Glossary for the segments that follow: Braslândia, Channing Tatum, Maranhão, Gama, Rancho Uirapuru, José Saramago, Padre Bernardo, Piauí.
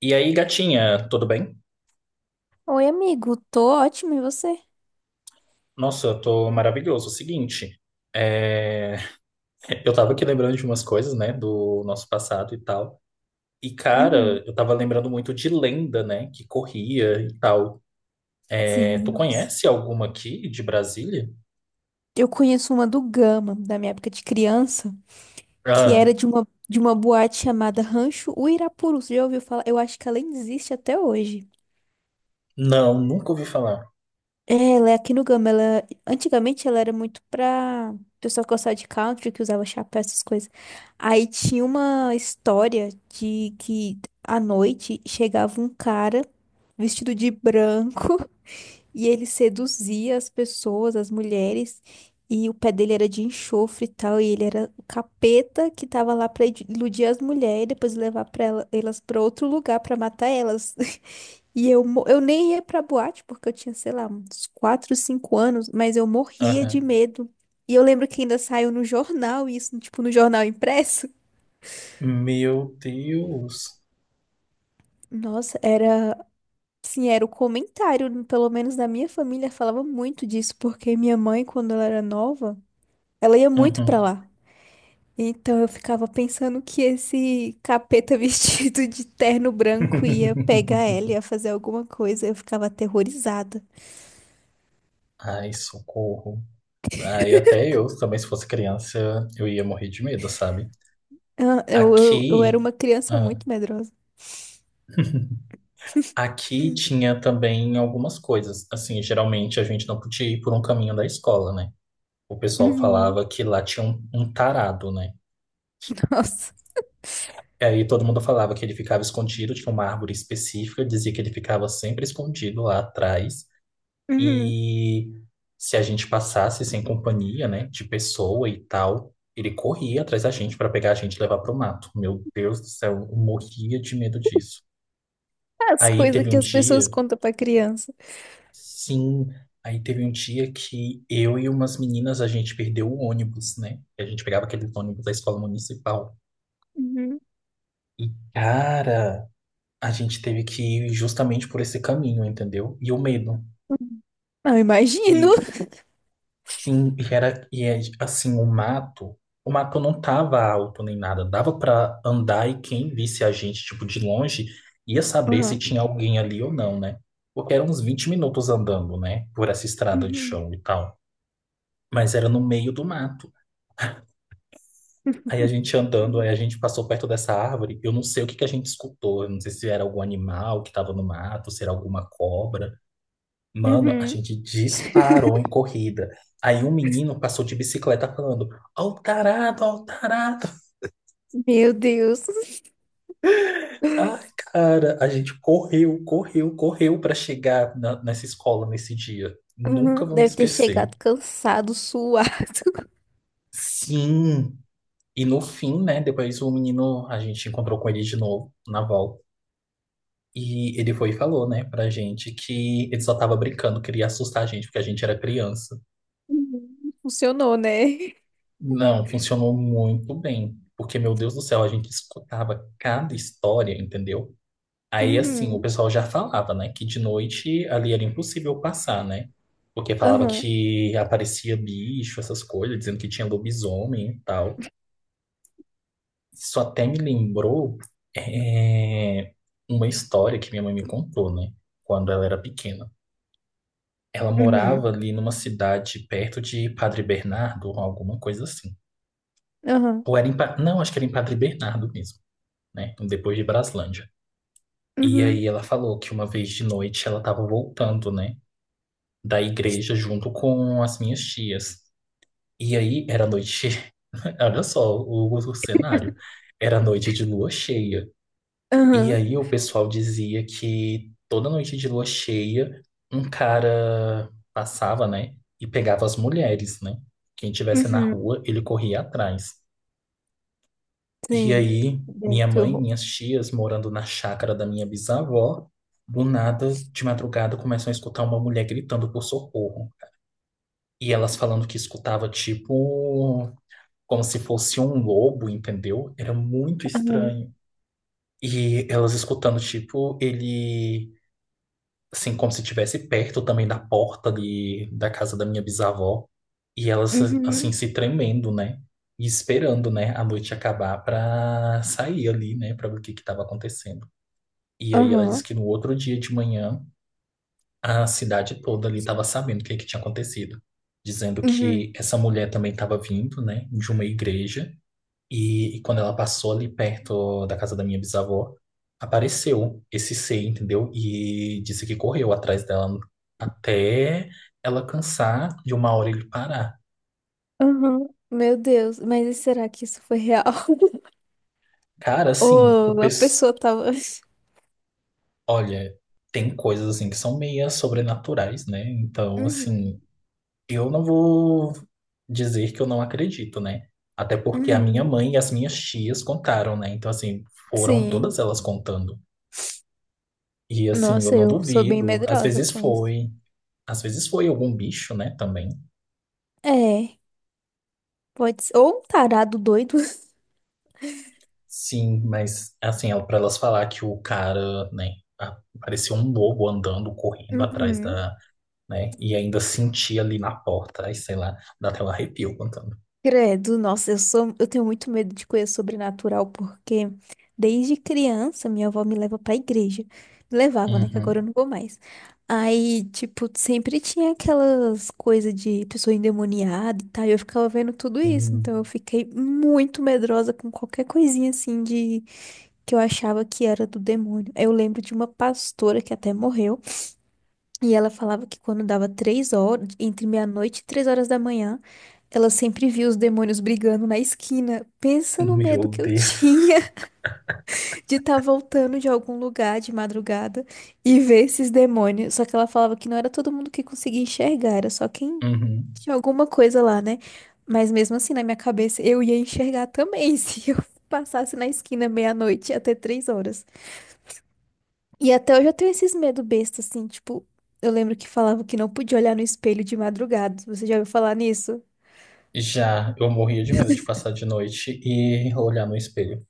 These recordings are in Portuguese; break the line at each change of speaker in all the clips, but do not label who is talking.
E aí, gatinha, tudo bem?
Oi, amigo. Tô ótimo, e você?
Nossa, eu tô maravilhoso. Seguinte, é, eu tava aqui lembrando de umas coisas, né, do nosso passado e tal. E,
Uhum.
cara, eu tava lembrando muito de lenda, né, que corria e tal. É,
Sim,
tu
nossa.
conhece alguma aqui de Brasília?
Eu conheço uma do Gama, da minha época de criança, que
Ah,
era de uma boate chamada Rancho Uirapuru. Você já ouviu falar? Eu acho que ela ainda existe até hoje.
não, nunca ouvi falar.
É, ela é aqui no Gama. Ela, antigamente ela era muito pra pessoa que gostava de country, que usava chapéu, essas coisas. Aí tinha uma história de que à noite chegava um cara vestido de branco. E ele seduzia as pessoas, as mulheres, e o pé dele era de enxofre e tal, e ele era o capeta que tava lá pra iludir as mulheres e depois levar pra elas pra outro lugar pra matar elas. Eu nem ia pra boate, porque eu tinha, sei lá, uns 4, 5 anos, mas eu morria de
Aham.
medo. E eu lembro que ainda saiu no jornal isso, tipo, no jornal impresso.
Meu Deus.
Nossa, sim, era o comentário, pelo menos na minha família falava muito disso, porque minha mãe, quando ela era nova, ela ia muito pra
Uhum.
lá. Então eu ficava pensando que esse capeta vestido de terno branco ia pegar ela, ia fazer alguma coisa. Eu ficava aterrorizada.
Ai, socorro. Aí até eu também, se fosse criança, eu ia morrer de medo, sabe?
Ah, eu era
Aqui.
uma criança
ah,
muito medrosa.
Aqui tinha também algumas coisas. Assim, geralmente a gente não podia ir por um caminho da escola, né? O pessoal
Uhum.
falava que lá tinha um tarado, né?
Nossa.
E aí todo mundo falava que ele ficava escondido, tinha uma árvore específica, dizia que ele ficava sempre escondido lá atrás.
Uhum.
E se a gente passasse sem companhia, né, de pessoa e tal, ele corria atrás da gente para pegar a gente e levar pro mato. Meu Deus do céu, eu morria de medo disso.
As
Aí
coisas
teve
que
um
as pessoas
dia.
contam pra criança.
Sim, aí teve um dia que eu e umas meninas a gente perdeu o ônibus, né? A gente pegava aquele ônibus da escola municipal.
Uhum.
E, cara, a gente teve que ir justamente por esse caminho, entendeu? E o medo.
Uhum. Não, imagino.
E sim, e era e é, assim, o mato não tava alto nem nada, dava pra andar e quem visse a gente tipo de longe ia saber se
Aham.
tinha alguém ali ou não, né? Porque eram uns 20 minutos andando, né, por essa estrada de
Uhum.
chão e tal. Mas era no meio do mato. Aí a gente andando, aí a gente passou perto dessa árvore. Eu não sei o que que a gente escutou. Eu não sei se era algum animal que estava no mato, se era alguma cobra. Mano, a
Uhum.
gente disparou em corrida. Aí um menino passou de bicicleta falando: Ó o tarado, ó o tarado.
Meu Deus.
Ai, cara, a gente correu, correu, correu para chegar nessa escola nesse dia. Nunca
Uhum.
vou me
Deve ter
esquecer.
chegado cansado, suado.
Sim. E no fim, né? Depois o menino, a gente encontrou com ele de novo na volta. E ele foi e falou, né, pra gente que ele só tava brincando, queria assustar a gente, porque a gente era criança.
Uhum. Funcionou, né?
Não, funcionou muito bem. Porque, meu Deus do céu, a gente escutava cada história, entendeu? Aí, assim, o
Uhum.
pessoal já falava, né, que de noite ali era impossível passar, né? Porque falava
Aham.
que aparecia bicho, essas coisas, dizendo que tinha lobisomem e tal. Isso até me lembrou, é, uma história que minha mãe me contou, né, quando ela era pequena. Ela morava
Uhum.
ali numa cidade perto de Padre Bernardo, ou alguma coisa assim.
Aham.
Ou era em, não, acho que era em Padre Bernardo mesmo, né? Depois de Braslândia. E aí
Uhum.
ela falou que uma vez de noite ela estava voltando, né, da igreja junto com as minhas tias. E aí era noite, olha só o cenário. Era noite de lua cheia. E
Aham.
aí o pessoal dizia que toda noite de lua cheia, um cara passava, né, e pegava as mulheres, né? Quem tivesse na
Uhum.
rua, ele corria atrás. E
Sim.
aí
Deus,
minha
que
mãe e
horror.
minhas tias, morando na chácara da minha bisavó, do nada, de madrugada, começam a escutar uma mulher gritando por socorro. E elas falando que escutava tipo como se fosse um lobo, entendeu? Era muito
Aham.
estranho. E elas escutando, tipo, ele assim, como se estivesse perto também da porta de, da casa da minha bisavó. E elas, assim,
Uhum.
se tremendo, né? E esperando, né, a noite acabar pra sair ali, né, pra ver o que que tava acontecendo. E aí ela disse
Aham.
que no outro dia de manhã, a cidade toda ali tava sabendo o que que tinha acontecido. Dizendo
Uhum.
que essa mulher também tava vindo, né, de uma igreja e quando ela passou ali perto da casa da minha bisavó, apareceu esse ser, entendeu? E disse que correu atrás dela até ela cansar de uma hora ele parar.
Aham. Meu Deus, mas e será que isso foi real?
Cara, assim,
Ou a pessoa tava.
olha, tem coisas assim que são meia sobrenaturais, né? Então,
Uhum.
assim, eu não vou dizer que eu não acredito, né? Até porque a minha
Uhum.
mãe e as minhas tias contaram, né? Então, assim, foram
Sim.
todas elas contando. E assim, eu
Nossa,
não
eu sou bem
duvido. Às
medrosa
vezes
com isso.
foi. Às vezes foi algum bicho, né, também.
É, pode ser. Ou um tarado doido.
Sim, mas assim, pra elas falar que o cara, né, parecia um lobo andando, correndo atrás
Uhum.
da, né, e ainda sentia ali na porta, aí sei lá, dá até um arrepio contando.
Credo, nossa, eu tenho muito medo de coisa sobrenatural, porque desde criança minha avó me leva pra igreja. Me levava, né? Que agora eu
Uhum.
não vou mais. Aí, tipo, sempre tinha aquelas coisas de pessoa endemoniada e tal, e eu ficava vendo tudo isso.
Sim.
Então eu fiquei muito medrosa com qualquer coisinha assim de que eu achava que era do demônio. Eu lembro de uma pastora que até morreu. E ela falava que quando dava 3 horas, entre meia-noite e 3 horas da manhã, ela sempre via os demônios brigando na esquina. Pensa no medo
Meu
que eu
Deus.
tinha de estar voltando de algum lugar de madrugada e ver esses demônios. Só que ela falava que não era todo mundo que conseguia enxergar, era só quem
Uhum.
tinha alguma coisa lá, né? Mas mesmo assim, na minha cabeça, eu ia enxergar também se eu passasse na esquina meia-noite até 3 horas. E até hoje eu tenho esses medo besta, assim, tipo, eu lembro que falava que não podia olhar no espelho de madrugada. Você já ouviu falar nisso?
Já, eu morria de medo de passar de noite e olhar no espelho.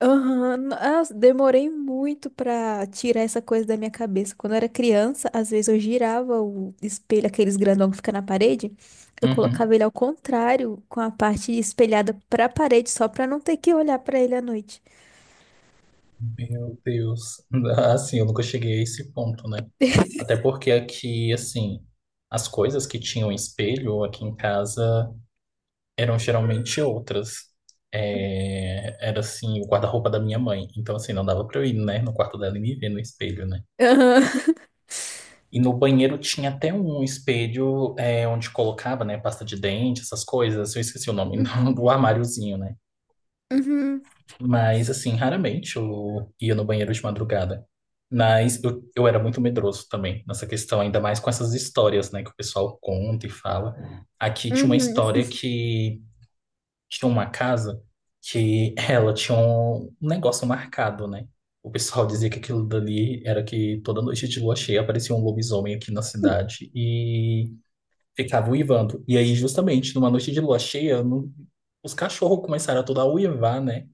Aham, nossa, demorei muito pra tirar essa coisa da minha cabeça. Quando eu era criança, às vezes eu girava o espelho, aqueles grandão que fica na parede, eu
Uhum.
colocava ele ao contrário, com a parte espelhada pra parede, só pra não ter que olhar pra ele à noite.
Meu Deus. Assim, eu nunca cheguei a esse ponto, né? Até porque aqui, assim, as coisas que tinham espelho aqui em casa eram geralmente outras. É, era, assim, o guarda-roupa da minha mãe. Então, assim, não dava pra eu ir, né, no quarto dela e me ver no espelho, né?
Aham.
E no banheiro tinha até um espelho onde colocava, né, pasta de dente, essas coisas. Eu esqueci o nome,
Uhum.
do armáriozinho, né?
Uhum.
Mas, assim, raramente eu ia no banheiro de madrugada. Mas eu era muito medroso também nessa questão, ainda mais com essas histórias, né, que o pessoal conta e fala. Aqui tinha uma
Uhum.
história que tinha uma casa que ela tinha um negócio marcado, né? O pessoal dizia que aquilo dali era que toda noite de lua cheia aparecia um lobisomem aqui na cidade e ficava uivando. E aí, justamente, numa noite de lua cheia, os cachorros começaram a toda a uivar, né?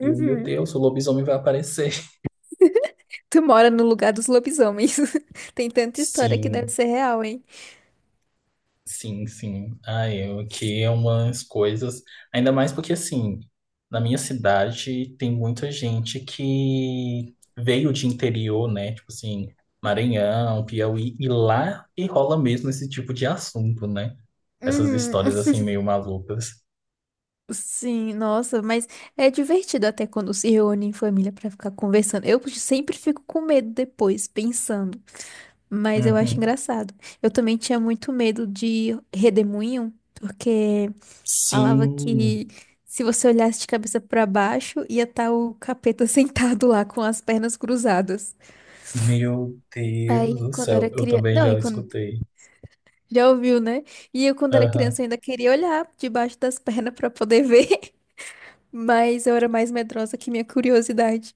E eu, meu Deus, o lobisomem vai aparecer.
Tu mora no lugar dos lobisomens. Tem tanta história que deve
Sim,
ser real, hein?
sim, sim. Ai, eu que é umas coisas. Ainda mais porque, assim, na minha cidade tem muita gente que veio de interior, né? Tipo assim, Maranhão, Piauí, e lá que rola mesmo esse tipo de assunto, né? Essas
Uhum.
histórias, assim, meio malucas.
Sim, nossa, mas é divertido até quando se reúne em família pra ficar conversando. Eu sempre fico com medo depois, pensando, mas eu acho
Uhum.
engraçado. Eu também tinha muito medo de redemoinho, porque falava
Sim,
que se você olhasse de cabeça pra baixo, ia estar o capeta sentado lá com as pernas cruzadas.
meu Deus
Aí,
do
quando eu era
céu, eu
criança,
também
não,
já
e quando.
escutei.
Já ouviu, né? E eu, quando era criança,
Aham.
ainda queria olhar debaixo das pernas pra poder ver, mas eu era mais medrosa que minha curiosidade.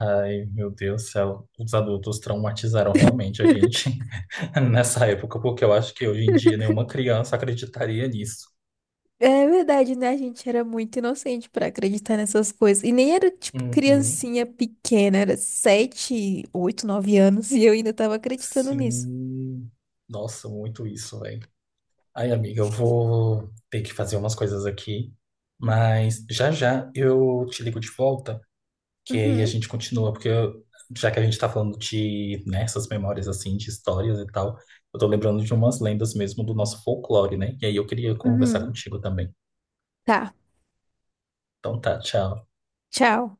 Ai, meu Deus do céu, os adultos traumatizaram realmente a gente nessa época, porque eu acho que hoje em dia nenhuma criança acreditaria nisso.
É verdade, né? A gente era muito inocente pra acreditar nessas coisas. E nem era, tipo,
Uhum.
criancinha pequena, era 7, 8, 9 anos e eu ainda tava acreditando nisso.
Sim. Nossa, muito isso, velho. Ai, amiga, eu vou ter que fazer umas coisas aqui, mas já já eu te ligo de volta, que aí a
Uhum,
gente continua, porque já que a gente tá falando de, né, essas memórias assim, de histórias e tal, eu tô lembrando de umas lendas mesmo do nosso folclore, né? E aí eu queria conversar
uhum.
contigo também.
Tá,
Então tá, tchau.
tchau.